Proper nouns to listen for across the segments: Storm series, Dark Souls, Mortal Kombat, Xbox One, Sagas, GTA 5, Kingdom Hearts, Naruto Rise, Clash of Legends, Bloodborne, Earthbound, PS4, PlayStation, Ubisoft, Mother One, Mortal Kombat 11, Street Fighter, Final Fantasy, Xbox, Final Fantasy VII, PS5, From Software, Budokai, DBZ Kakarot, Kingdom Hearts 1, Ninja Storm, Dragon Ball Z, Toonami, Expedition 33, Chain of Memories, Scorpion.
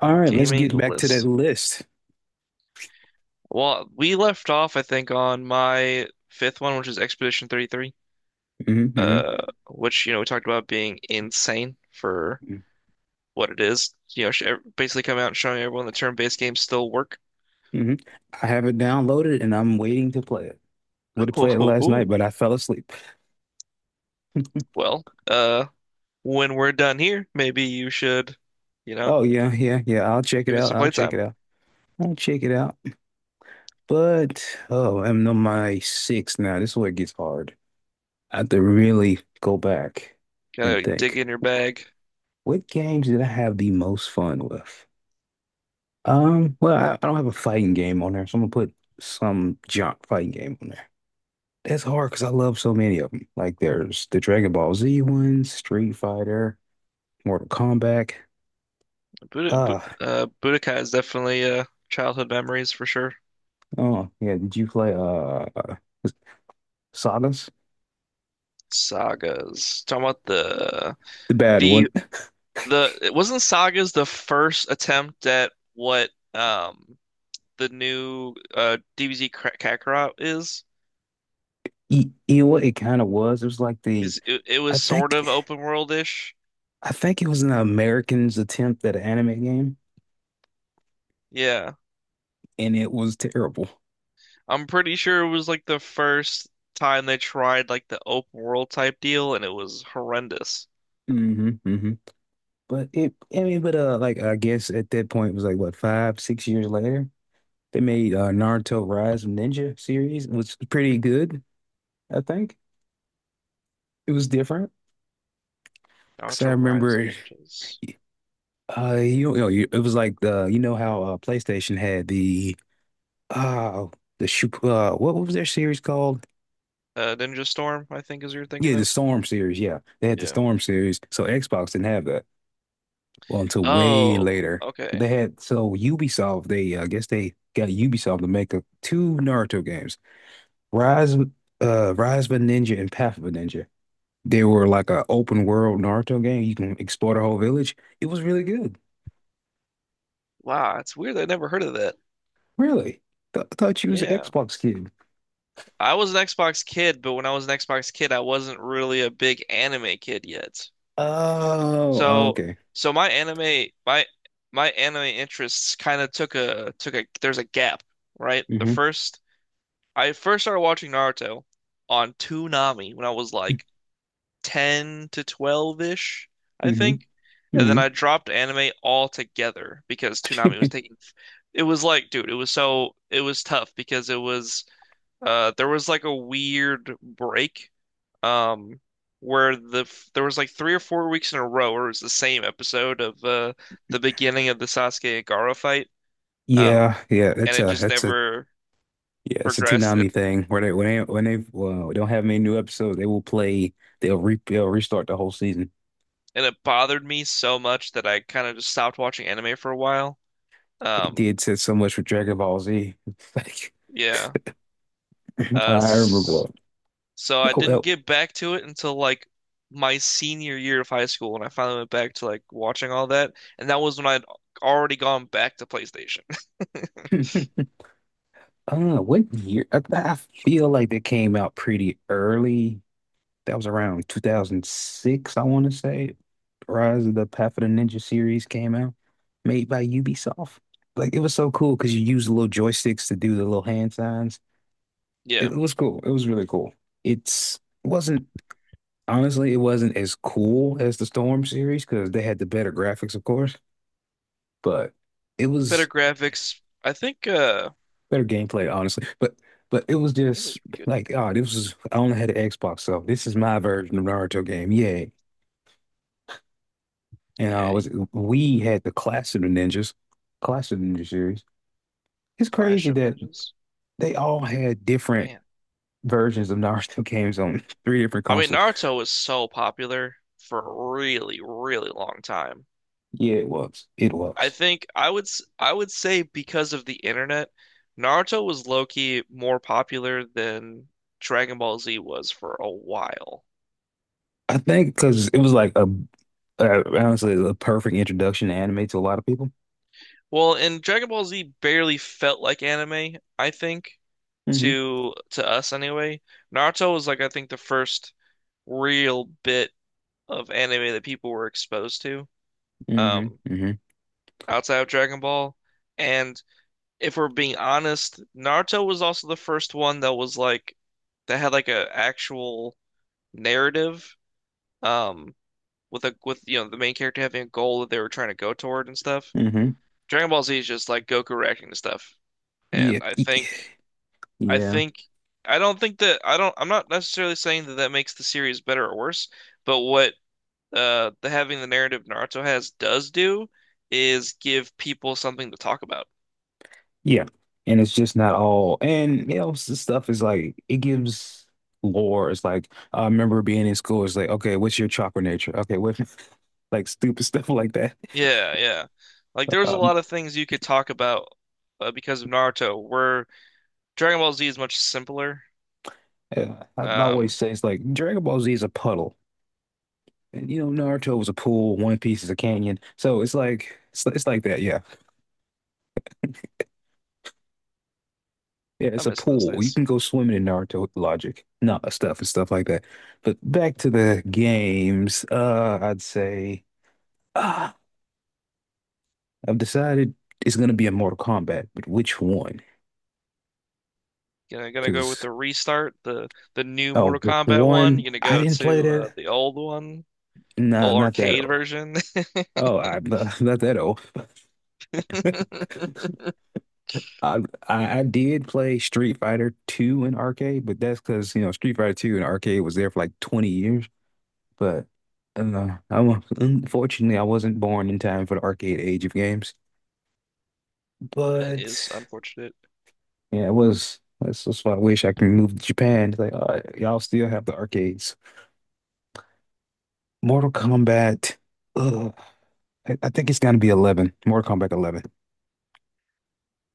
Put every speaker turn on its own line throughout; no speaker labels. All right, let's
Gaming
get back to that
list.
list.
Well, we left off, I think, on my fifth one, which is Expedition 33,
Hmm.
uh, which, you know, we talked about being insane for
Hmm.
what it is. You know, basically coming out and showing everyone the turn-based games still work.
I have it downloaded and I'm waiting to play it. Would have played it last night, but I fell asleep.
Well, when we're done here, maybe you should, you know,
Oh yeah, yeah, yeah. I'll check it
give it
out.
some
I'll check
playtime.
it out. I'll check it out. But oh, I'm on my six now. This is where it gets hard. I have to really go back and
Gotta dig
think.
in your bag.
What games did I have the most fun with? Well, I don't have a fighting game on there, so I'm gonna put some junk fighting game on there. That's hard because I love so many of them. Like there's the Dragon Ball Z ones, Street Fighter, Mortal Kombat. Uh,
Budokai is definitely childhood memories for sure.
oh yeah, did you play Sagas?
Sagas. Talking about
The bad one.
the the it wasn't Saga's the first attempt at what the new DBZ Kakarot is?
You know what it kind of was? It was like the
Is it, it
I
was sort
think
of open world-ish.
I think it was an American's attempt at an anime game,
Yeah.
and it was terrible.
I'm pretty sure it was like the first time they tried like the open world type deal and it was horrendous.
Hmm. Hmm. I mean, but like I guess at that point it was like what 5, 6 years later, they made Naruto Rise of Ninja series, which was pretty good. I think it was different because I
Naruto Rise
remember,
which is
it was like the you know how PlayStation had uh the shoot what was their series called?
Ninja Storm, I think is what you're
Yeah,
thinking
the
of.
Storm series. Yeah, they had the
Yeah.
Storm series. So Xbox didn't have that well until way
Oh,
later.
okay.
They had So Ubisoft. They I guess they got Ubisoft to make two Naruto games, Rise Rise of a Ninja and Path of a Ninja. They were like a open world Naruto game. You can explore the whole village. It was really good.
Wow, it's weird. I never heard of that.
Really? Th Thought you was an
Yeah.
Xbox kid.
I was an Xbox kid, but when I was an Xbox kid, I wasn't really a big anime kid yet.
Oh, oh,
So,
okay.
so my anime, my anime interests kind of took a there's a gap, right? The
Hmm.
first I first started watching Naruto on Toonami when I was like 10 to 12-ish, I
Hmm.
think. And then
Hmm.
I dropped anime altogether because Toonami was taking it was like, dude, it was so it was tough because it was there was like a weird break, um, where there was like 3 or 4 weeks in a row where it was the same episode of the beginning of the Sasuke and Gaara fight, um,
Yeah, yeah.
and
That's
it
a
just
that's a
never
yeah. It's a
progressed, and
Toonami thing where they when they when they well, don't have many new episodes, they will play. They'll restart the whole season.
it bothered me so much that I kind of just stopped watching anime for a while.
They
Um,
did said so much with Dragon Ball Z.
yeah,
It's like
uh,
I remember
s-
going,
so I
oh,
didn't
oh.
get back to it until like my senior year of high school, when I finally went back to like watching all that, and that was when I'd already gone back to PlayStation.
I don't know what year. I feel like they came out pretty early. That was around 2006, I want to say. Rise of the Path of the Ninja series came out, made by Ubisoft. Like it was so cool because you use little joysticks to do the little hand signs. It
Yeah.
was cool. It was really cool. It's it wasn't honestly, it wasn't as cool as the Storm series because they had the better graphics, of course, but it
Better
was
graphics. I think
better gameplay, honestly. But it was
it
just
was pretty good.
like, oh, this was I only had an Xbox, so this is my version of Naruto game. Yeah, And I
Yeah,
was we had the Clash of the Ninjas, Clash of the Ninja series. It's
Clash
crazy
of
that
Legends.
they all had different
Man.
versions of Naruto games on three different
I mean,
consoles.
Naruto was so popular for a really, really long time.
Yeah, it was. It was.
I would I would say because of the internet, Naruto was low-key more popular than Dragon Ball Z was for a while.
I think because it was like honestly a perfect introduction to anime to a lot of people.
Well, and Dragon Ball Z barely felt like anime, I think,
Hmm.
to us anyway. Naruto was like I think the first real bit of anime that people were exposed to,
Hmm.
um,
Hmm.
outside of Dragon Ball. And if we're being honest, Naruto was also the first one that was like that had like a actual narrative, um, with a with you know the main character having a goal that they were trying to go toward and stuff.
Hmm.
Dragon Ball Z is just like Goku reacting to stuff,
Yeah.
and I think I
Yeah.
think I don't I'm not necessarily saying that that makes the series better or worse, but what the having the narrative Naruto has does do is give people something to talk about.
Yeah. And it's just not all. And, stuff is like, it gives lore. It's like, I remember being in school. It's like, okay, what's your chakra nature? Okay, what, like stupid stuff like that.
Yeah, yeah. Like there's a
Um,
lot of things you could talk about because of Naruto, where Dragon Ball Z is much simpler.
yeah, I always
Um,
say it's like Dragon Ball Z is a puddle. And, you know, Naruto was a pool, One Piece is a canyon. So it's like that. Yeah. Yeah.
I
It's a
miss those
pool. You
days.
can go swimming in Naruto logic, not stuff and stuff like that. But back to the games, I'd say. uh, I've decided it's gonna be a Mortal Kombat, but which one?
Gonna go with
Because
the restart, the new
oh,
Mortal Kombat one.
one
You're gonna
I
go
didn't play
to
that.
the old one,
No,
old
not that
arcade
old.
version.
Oh, I not that old. I, I did play Street Fighter 2 in arcade, but that's because Street Fighter 2 in arcade was there for like 20 years. But I'm unfortunately, I wasn't born in time for the arcade age of games.
That
But
is unfortunate.
yeah, it was that's why I wish I could move to Japan. It's like, y'all still have the arcades. Mortal Kombat. Ugh, I think it's gonna be 11. Mortal Kombat 11.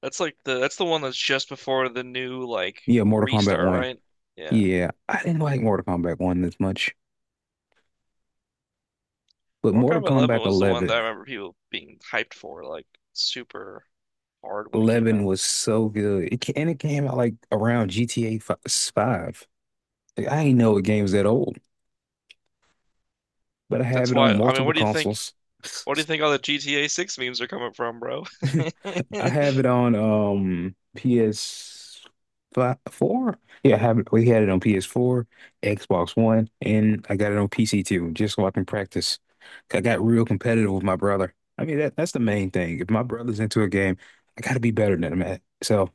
That's like the that's the one that's just before the new like
Yeah, Mortal Kombat
restart,
1.
right? Yeah.
Yeah, I didn't like Mortal Kombat 1 this much, but
Mortal
Mortal
Kombat 11
Kombat
was the one that
11.
I remember people being hyped for, like super hard when it came
11
out.
was so good. And it came out like around GTA 5. Like, I didn't know a game was that old, but I have
That's
it
why,
on
I mean,
multiple
what do you think?
consoles.
What do you think all the GTA 6 memes are coming from, bro?
I have it on PS5, four. Yeah, I have it. We had it on PS4, Xbox One, and I got it on PC too, just so I can practice. 'Cause I got real competitive with my brother. I mean, that's the main thing. If my brother's into a game, I gotta be better than him at it. So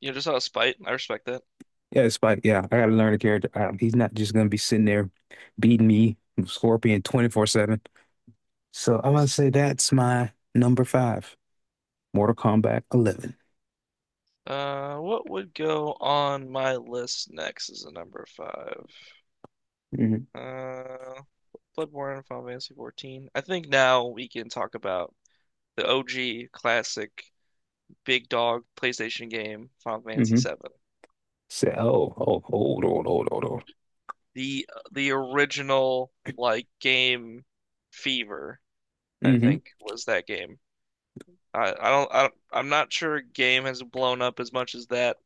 You know, just out of spite. I respect that.
yeah, it's like yeah, I gotta learn the character. He's not just gonna be sitting there beating me, Scorpion 24/7. So I'm gonna say that's my number five, Mortal Kombat 11.
What would go on my list next is a number five.
Hmm.
Uh, Bloodborne, Final Fantasy 14. I think now we can talk about the OG classic big dog PlayStation game, Final Fantasy
Hmm.
7.
So, oh, oh, hold on, hold on, hold on.
The original like game Fever, I think was that game. I'm not sure a game has blown up as much as that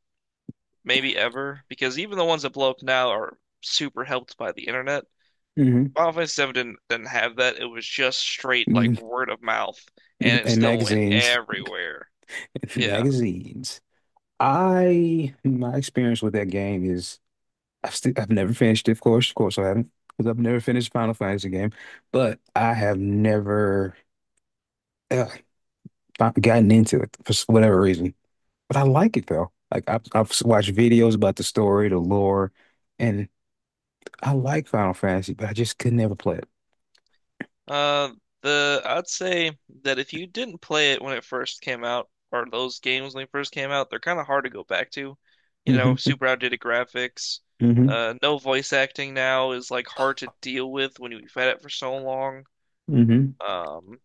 maybe ever, because even the ones that blow up now are super helped by the internet.
Hmm.
Final Fantasy VII didn't have that. It was just straight
Hmm.
like word of mouth, and it
And
still went
magazines.
everywhere. Yeah.
Magazines. I My experience with that game is I've never finished it, of course. Of course I haven't. Because I've never finished Final Fantasy game. But I have never uh, gotten into it for whatever reason. But I like it though. Like I've watched videos about the story, the lore, and I like Final Fantasy, but I just could never play it.
Uh, the I'd say that if you didn't play it when it first came out, or those games when they first came out, they're kind of hard to go back to. You know,
Mhm.
super outdated graphics.
Hmm.
No voice acting now is like hard to deal with when you've had it for so long.
Hmm.
Um,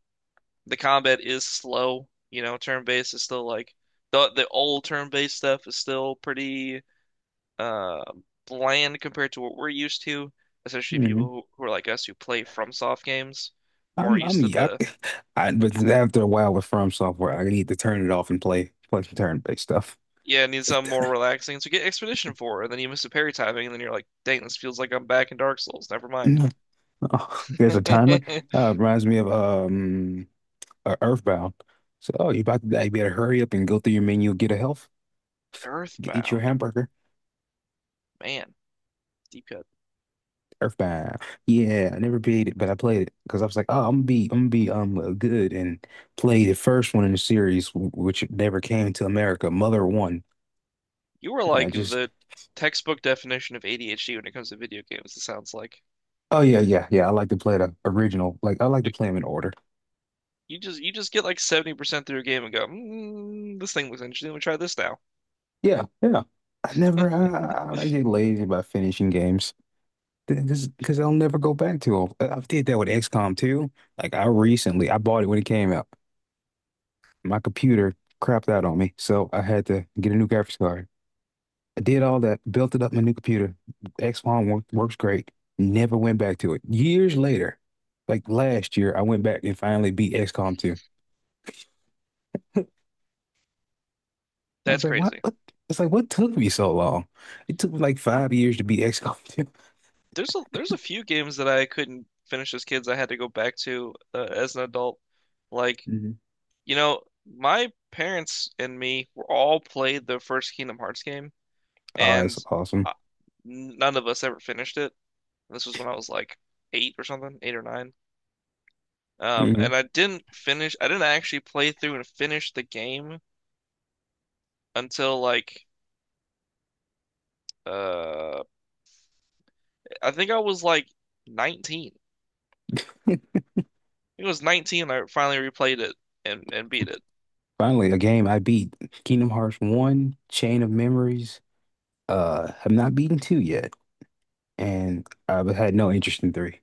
the combat is slow. You know, turn-based is still like the old turn-based stuff is still pretty uh bland compared to what we're used to, especially people
Hmm.
who, are like us who play FromSoft games, more
I'm
used to
yuck.
the.
But after a while with From Software, I need to turn it off and play some turn-based stuff
Yeah, it needs
like
something more
that.
relaxing. So get Expedition 4, and then you miss a parry timing, and then you're like, dang, this feels like I'm back in Dark Souls. Never mind.
No. Oh, there's a timer. Reminds me of Earthbound. So oh, you about to die. You better hurry up and go through your menu, get a health, eat your
Earthbound.
hamburger.
Man, deep cut.
Earthbound. Yeah, I never beat it, but I played it because I was like, oh, I'm gonna be good and play the first one in the series, which never came to America. Mother One.
You were
Yeah. I
like
just
the textbook definition of ADHD when it comes to video games, it sounds like.
Oh yeah, yeah, yeah. I like to play the original. Like I like to play them in order.
You just get like 70% through a game and go, mm, this thing looks interesting. Let me try this now.
Yeah, yeah. I never. I get lazy about finishing games. This because I'll never go back to them. I did that with XCOM too. Like I recently, I bought it when it came out. My computer crapped out on me, so I had to get a new graphics card. I did all that, built it up my new computer. XCOM works great. Never went back to it. Years later, like last year, I went back and finally beat XCOM 2. I was
That's
like, what,
crazy.
what? It's like, what took me so long? It took me like 5 years to beat XCOM
There's a few games that I couldn't finish as kids. I had to go back to as an adult. Like,
2.
you know, my parents and me were all played the first Kingdom Hearts game,
Oh,
and
it's awesome.
uh, none of us ever finished it. This was when I was like eight or something, eight or nine.
Hmm.
And I didn't finish. I didn't actually play through and finish the game until like, uh, I think I was like 19. I think It was 19. I finally replayed it and beat it.
Finally, a game I beat. Kingdom Hearts 1, Chain of Memories. Have not beaten 2 yet, and I've had no interest in 3.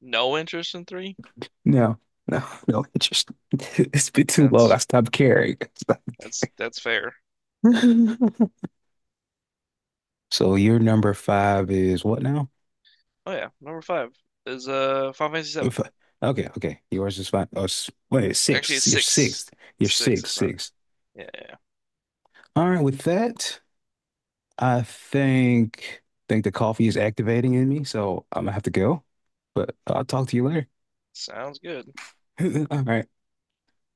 No interest in three.
No, no, no interest. It's been too
Man,
long. I stopped caring.
That's fair.
I So your number five is what now?
Oh yeah, number five is Final Fantasy
Your
seven.
fi- Okay, okay. Yours is five. Oh, wait, it's
Actually,
six.
it's
You're
six.
sixth. You're
Six
six,
is fine.
six.
Yeah, yeah, yeah.
All right, with that, I think the coffee is activating in me, so I'm gonna have to go. But I'll talk to you later.
Sounds good.
All right.